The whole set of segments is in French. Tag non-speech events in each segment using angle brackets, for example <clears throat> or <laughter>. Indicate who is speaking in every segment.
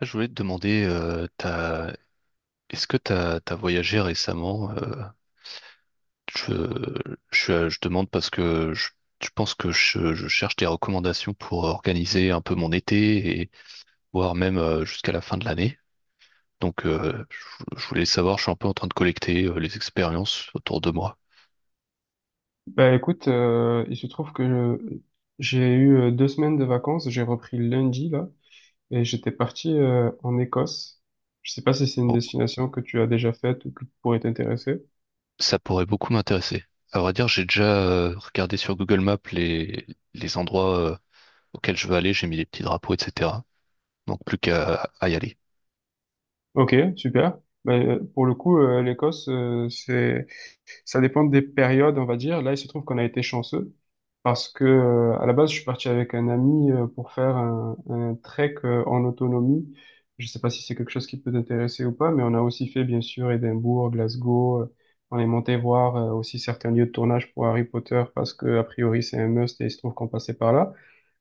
Speaker 1: Je voulais te demander, est-ce que tu as voyagé récemment? Je, je demande parce que je pense que je cherche des recommandations pour organiser un peu mon été et voire même jusqu'à la fin de l'année. Donc, je voulais savoir, je suis un peu en train de collecter les expériences autour de moi.
Speaker 2: Bah écoute, il se trouve que j'ai eu deux semaines de vacances, j'ai repris lundi là, et j'étais parti en Écosse. Je sais pas si c'est une destination que tu as déjà faite ou qui pourrait t'intéresser.
Speaker 1: Ça pourrait beaucoup m'intéresser. À vrai dire, j'ai déjà regardé sur Google Maps les endroits auxquels je veux aller, j'ai mis des petits drapeaux, etc. Donc plus qu'à à y aller.
Speaker 2: Ok, super. Ben pour le coup, l'Écosse, c'est, ça dépend des périodes, on va dire. Là, il se trouve qu'on a été chanceux, parce que, à la base, je suis parti avec un ami pour faire un trek en autonomie. Je ne sais pas si c'est quelque chose qui peut t'intéresser ou pas, mais on a aussi fait, bien sûr, Édimbourg, Glasgow. On est monté voir aussi certains lieux de tournage pour Harry Potter parce que, a priori, c'est un must et il se trouve qu'on passait par là.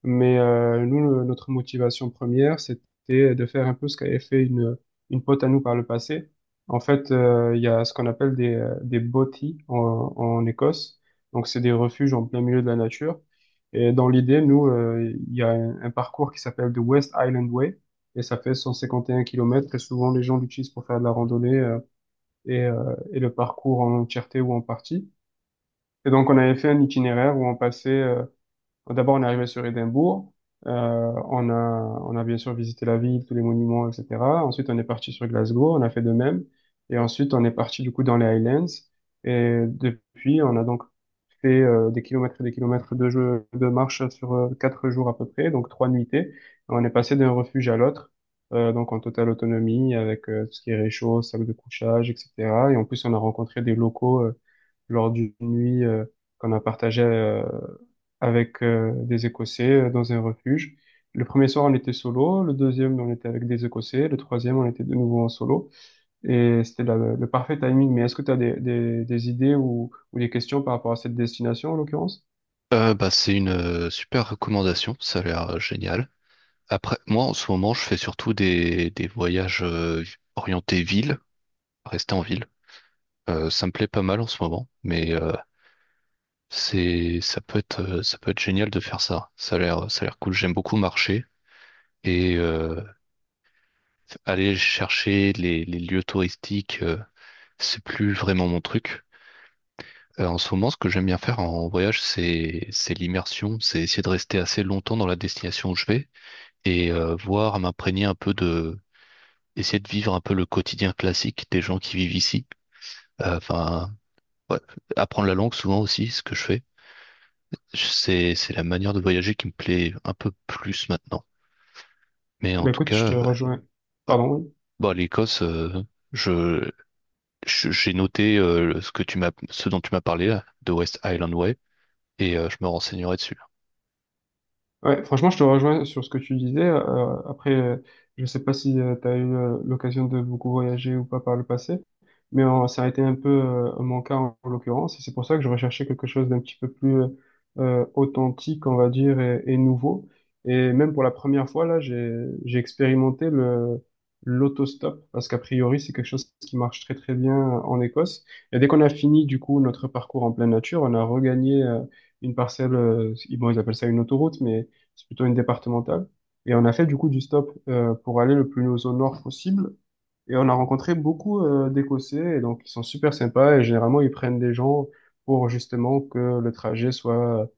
Speaker 2: Mais nous, notre motivation première, c'était de faire un peu ce qu'avait fait une pote à nous par le passé. En fait, il y a ce qu'on appelle des botties en Écosse. Donc, c'est des refuges en plein milieu de la nature. Et dans l'idée, nous, il y a un parcours qui s'appelle The West Island Way. Et ça fait 151 kilomètres. Et souvent, les gens l'utilisent pour faire de la randonnée et le parcours en entièreté ou en partie. Et donc, on avait fait un itinéraire où on passait, d'abord, on est arrivé sur Édimbourg. Euh, on a, on a bien sûr visité la ville, tous les monuments, etc. Ensuite, on est parti sur Glasgow, on a fait de même. Et ensuite, on est parti du coup dans les Highlands. Et depuis, on a donc fait des kilomètres et des kilomètres de jeu, de marche sur quatre jours à peu près, donc trois nuitées. Et on est passé d'un refuge à l'autre, donc en totale autonomie, avec tout ce qui est réchaud, sac de couchage, etc. Et en plus, on a rencontré des locaux lors d'une nuit qu'on a partagée avec des Écossais dans un refuge. Le premier soir, on était solo. Le deuxième, on était avec des Écossais. Le troisième, on était de nouveau en solo. Et c'était le parfait timing. Mais est-ce que tu as des idées ou des questions par rapport à cette destination, en l'occurrence?
Speaker 1: Bah, c'est une super recommandation, ça a l'air génial. Après, moi en ce moment, je fais surtout des voyages orientés ville, rester en ville. Ça me plaît pas mal en ce moment, mais c'est ça peut être génial de faire ça. Ça a l'air cool. J'aime beaucoup marcher. Et aller chercher les lieux touristiques, c'est plus vraiment mon truc. En ce moment, ce que j'aime bien faire en voyage, c'est l'immersion, c'est essayer de rester assez longtemps dans la destination où je vais et voir, m'imprégner un peu de, essayer de vivre un peu le quotidien classique des gens qui vivent ici. Enfin, ouais, apprendre la langue souvent aussi, ce que je fais. C'est la manière de voyager qui me plaît un peu plus maintenant. Mais en
Speaker 2: Ben
Speaker 1: tout
Speaker 2: écoute, je
Speaker 1: cas,
Speaker 2: te
Speaker 1: ouais, ouais.
Speaker 2: rejoins. Pardon. Oui.
Speaker 1: Bon, l'Écosse, je J'ai noté ce que ce dont tu m'as parlé là, de West Island Way, et je me renseignerai dessus.
Speaker 2: Ouais, franchement, je te rejoins sur ce que tu disais. Je sais pas si tu as eu l'occasion de beaucoup voyager ou pas par le passé, mais ça a été un peu mon cas en l'occurrence, et c'est pour ça que je recherchais quelque chose d'un petit peu plus authentique, on va dire, et nouveau. Et même pour la première fois, là, j'ai expérimenté l'autostop, parce qu'a priori, c'est quelque chose qui marche très très bien en Écosse. Et dès qu'on a fini, du coup, notre parcours en pleine nature, on a regagné une parcelle, bon, ils appellent ça une autoroute, mais c'est plutôt une départementale. Et on a fait du coup du stop pour aller le plus au nord possible. Et on a rencontré beaucoup d'Écossais, et donc ils sont super sympas, et généralement ils prennent des gens pour justement que le trajet soit,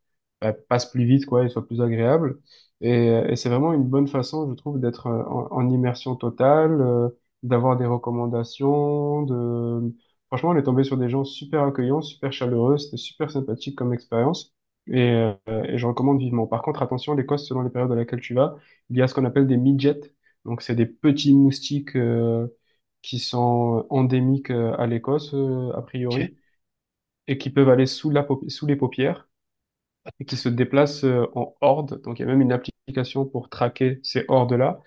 Speaker 2: bah, passe plus vite, quoi, et soit plus agréable. Et c'est vraiment une bonne façon, je trouve, d'être en immersion totale, d'avoir des recommandations, de... Franchement, on est tombé sur des gens super accueillants, super chaleureux, c'était super sympathique comme expérience. Et, euh, et je recommande vivement. Par contre, attention, l'Écosse, selon les périodes à laquelle tu vas, il y a ce qu'on appelle des midgets. Donc, c'est des petits moustiques qui sont endémiques à l'Écosse, a
Speaker 1: Ok.
Speaker 2: priori, et qui peuvent aller sous sous les paupières et qui
Speaker 1: What?
Speaker 2: se déplacent en horde. Donc il y a même une application pour traquer ces hordes-là.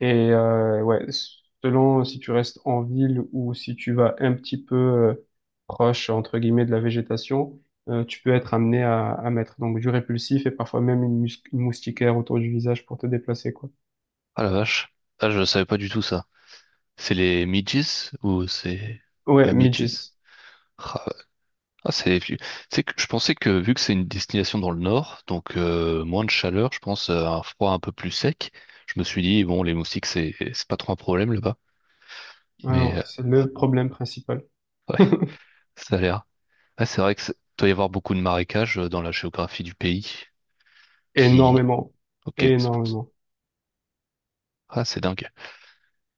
Speaker 2: Ouais, selon si tu restes en ville ou si tu vas un petit peu proche, entre guillemets, de la végétation, tu peux être amené à mettre donc du répulsif et parfois même une moustiquaire autour du visage pour te déplacer, quoi.
Speaker 1: Ah la vache. Ah, je savais pas du tout ça. C'est les midges ou c'est
Speaker 2: Ouais,
Speaker 1: pas midges?
Speaker 2: midges.
Speaker 1: Ah. Ah, c'est, tu sais que je pensais que vu que c'est une destination dans le nord, donc moins de chaleur, je pense un froid un peu plus sec. Je me suis dit bon, les moustiques c'est pas trop un problème là-bas,
Speaker 2: Ah
Speaker 1: mais
Speaker 2: non, c'est
Speaker 1: ah,
Speaker 2: le problème principal.
Speaker 1: ouais,
Speaker 2: <laughs>
Speaker 1: <laughs> ça a l'air. Ah, c'est vrai que doit y avoir beaucoup de marécages dans la géographie du pays. Qui,
Speaker 2: Énormément.
Speaker 1: ok, c'est pour ça.
Speaker 2: Énormément.
Speaker 1: Ah, c'est dingue.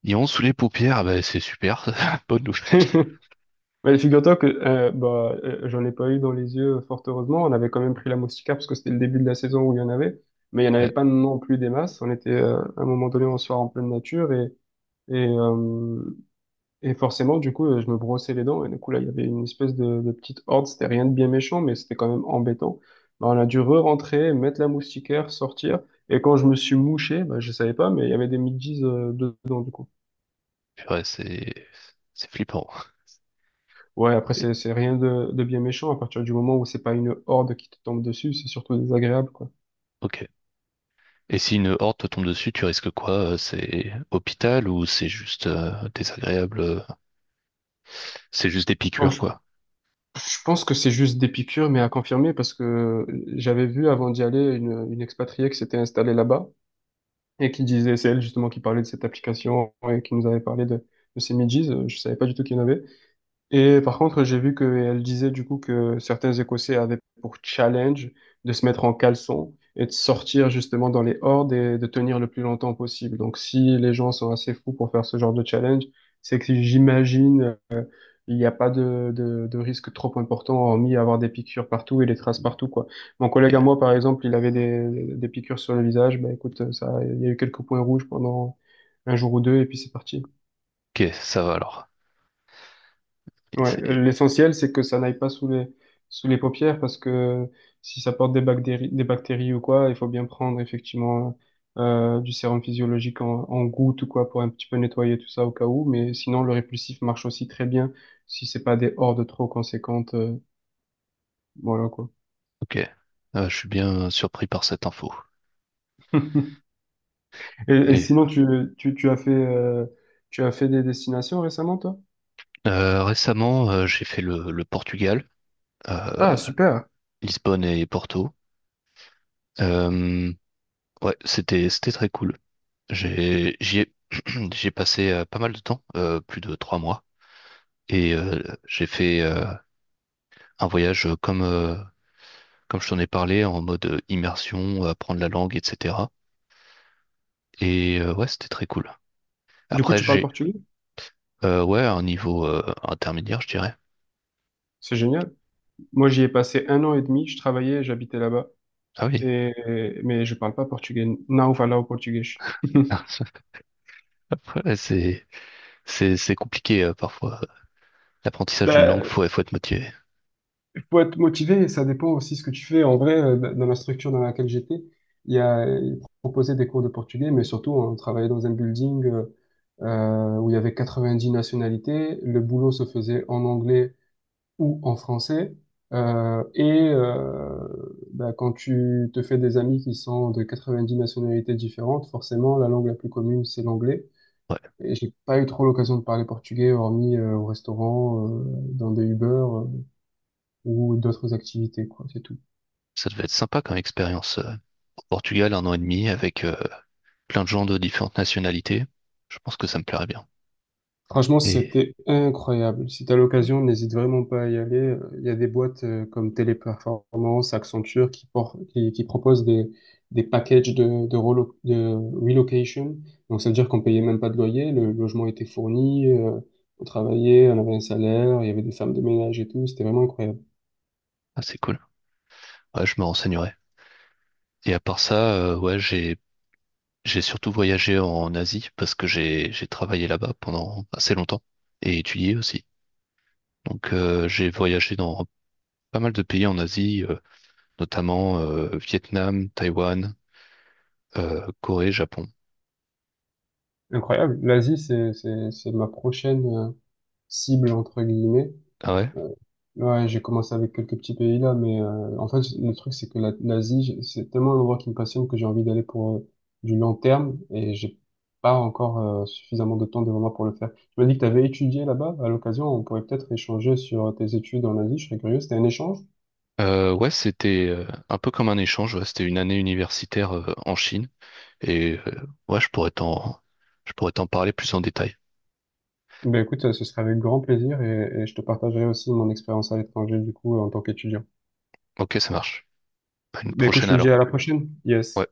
Speaker 1: Ils ont sous les paupières, ah bah, c'est super, <laughs> bonne nouvelle.
Speaker 2: <laughs> Mais figure-toi que j'en ai pas eu dans les yeux, fort heureusement. On avait quand même pris la moustiquaire parce que c'était le début de la saison où il y en avait. Mais il n'y en avait
Speaker 1: Ouais,
Speaker 2: pas non plus des masses. On était à un moment donné, on soir en pleine nature et, euh, et forcément, du coup, je me brossais les dents. Et du coup, là, il y avait une espèce de petite horde. C'était rien de bien méchant, mais c'était quand même embêtant. Bah, on a dû re-rentrer, mettre la moustiquaire, sortir. Et quand je me suis mouché, bah, je savais pas, mais il y avait des midges dedans, du coup.
Speaker 1: purée, c'est flippant.
Speaker 2: Ouais, après,
Speaker 1: Et-
Speaker 2: c'est rien de bien méchant. À partir du moment où c'est pas une horde qui te tombe dessus, c'est surtout désagréable, quoi.
Speaker 1: Ok. Et si une horde te tombe dessus, tu risques quoi? C'est hôpital ou c'est juste désagréable? C'est juste des
Speaker 2: Bon,
Speaker 1: piqûres,
Speaker 2: je,
Speaker 1: quoi.
Speaker 2: je pense que c'est juste des piqûres, mais à confirmer, parce que j'avais vu avant d'y aller une expatriée qui s'était installée là-bas et qui disait, c'est elle justement qui parlait de cette application et qui nous avait parlé de ces midges. Je savais pas du tout qu'il y en avait. Et par contre, j'ai vu qu'elle disait du coup que certains Écossais avaient pour challenge de se mettre en caleçon et de sortir justement dans les hordes et de tenir le plus longtemps possible. Donc si les gens sont assez fous pour faire ce genre de challenge, c'est que j'imagine il n'y a pas de risque trop important hormis avoir des piqûres partout et des traces partout, quoi. Mon collègue à
Speaker 1: Ok,
Speaker 2: moi par exemple, il avait des piqûres sur le visage. Bah écoute, ça, il y a eu quelques points rouges pendant un jour ou deux et puis c'est parti.
Speaker 1: ok, ça va alors. Et
Speaker 2: Ouais,
Speaker 1: c'est-
Speaker 2: l'essentiel, c'est que ça n'aille pas sous les, sous les paupières parce que si ça porte des bactéries ou quoi, il faut bien prendre effectivement du sérum physiologique en gouttes ou quoi pour un petit peu nettoyer tout ça au cas où. Mais sinon, le répulsif marche aussi très bien si c'est pas des hordes trop conséquentes. Voilà quoi.
Speaker 1: Ok. Ah, je suis bien surpris par cette info.
Speaker 2: <laughs> Et
Speaker 1: Et
Speaker 2: sinon, tu, tu as fait, euh, tu as fait des destinations récemment, toi?
Speaker 1: récemment, j'ai fait le Portugal, euh,
Speaker 2: Ah, super.
Speaker 1: Lisbonne et Porto. Euh, ouais, c'était très cool. J'ai j'y ai, <clears throat> j'y ai passé pas mal de temps, plus de 3 mois, et j'ai fait un voyage comme je t'en ai parlé, en mode immersion, apprendre la langue, etc. Et ouais, c'était très cool.
Speaker 2: Du coup,
Speaker 1: Après,
Speaker 2: tu parles
Speaker 1: j'ai
Speaker 2: portugais?
Speaker 1: ouais, un niveau intermédiaire, je dirais.
Speaker 2: C'est génial. Moi, j'y ai passé un an et demi. Je travaillais, et j'habitais là-bas.
Speaker 1: Ah oui.
Speaker 2: Et, mais je parle pas portugais. Não falo português. <laughs>
Speaker 1: <laughs> Ouais, c'est compliqué parfois. L'apprentissage d'une langue,
Speaker 2: Ben,
Speaker 1: faut être motivé.
Speaker 2: il faut être motivé, ça dépend aussi ce que tu fais. En vrai, dans la structure dans laquelle j'étais, il y a ils proposaient des cours de portugais, mais surtout, on travaillait dans un building où il y avait 90 nationalités. Le boulot se faisait en anglais ou en français. Euh, et euh, ben, quand tu te fais des amis qui sont de 90 nationalités différentes, forcément, la langue la plus commune, c'est l'anglais.
Speaker 1: Ouais,
Speaker 2: Et j'ai pas eu trop l'occasion de parler portugais, hormis au restaurant, dans des Uber ou d'autres activités, quoi, c'est tout.
Speaker 1: ça devait être sympa comme expérience. Euh, au Portugal, 1 an et demi avec plein de gens de différentes nationalités. Je pense que ça me plairait bien.
Speaker 2: Franchement,
Speaker 1: Et
Speaker 2: c'était incroyable. Si t'as l'occasion, n'hésite vraiment pas à y aller. Il y a des boîtes comme Téléperformance, Accenture qui, qui proposent des packages de relocation. Donc, ça veut dire qu'on payait même pas de loyer, le logement était fourni, on travaillait, on avait un salaire, il y avait des femmes de ménage et tout. C'était vraiment incroyable.
Speaker 1: ah, c'est cool. Ouais, je me renseignerai. Et à part ça, ouais, j'ai surtout voyagé en Asie parce que j'ai travaillé là-bas pendant assez longtemps et étudié aussi. Donc, j'ai voyagé dans pas mal de pays en Asie, notamment Vietnam, Taïwan, Corée, Japon.
Speaker 2: Incroyable. L'Asie, c'est ma prochaine cible entre guillemets.
Speaker 1: Ah ouais?
Speaker 2: Euh, ouais, j'ai commencé avec quelques petits pays là, mais en fait le truc c'est que l'Asie, j'ai- c'est tellement un endroit qui me passionne que j'ai envie d'aller pour du long terme et j'ai pas encore suffisamment de temps devant moi pour le faire. Tu m'as dit que tu avais étudié là-bas. À l'occasion, on pourrait peut-être échanger sur tes études en Asie. Je serais curieux. C'était un échange?
Speaker 1: Ouais, c'était un peu comme un échange. Ouais, c'était une année universitaire en Chine. Et ouais, je pourrais t'en parler plus en détail.
Speaker 2: Ben écoute, ce serait avec grand plaisir et je te partagerai aussi mon expérience à l'étranger du coup en tant qu'étudiant.
Speaker 1: Ok, ça marche. À une
Speaker 2: Ben écoute,
Speaker 1: prochaine
Speaker 2: je te dis
Speaker 1: alors.
Speaker 2: à la prochaine. Yes.
Speaker 1: Ouais.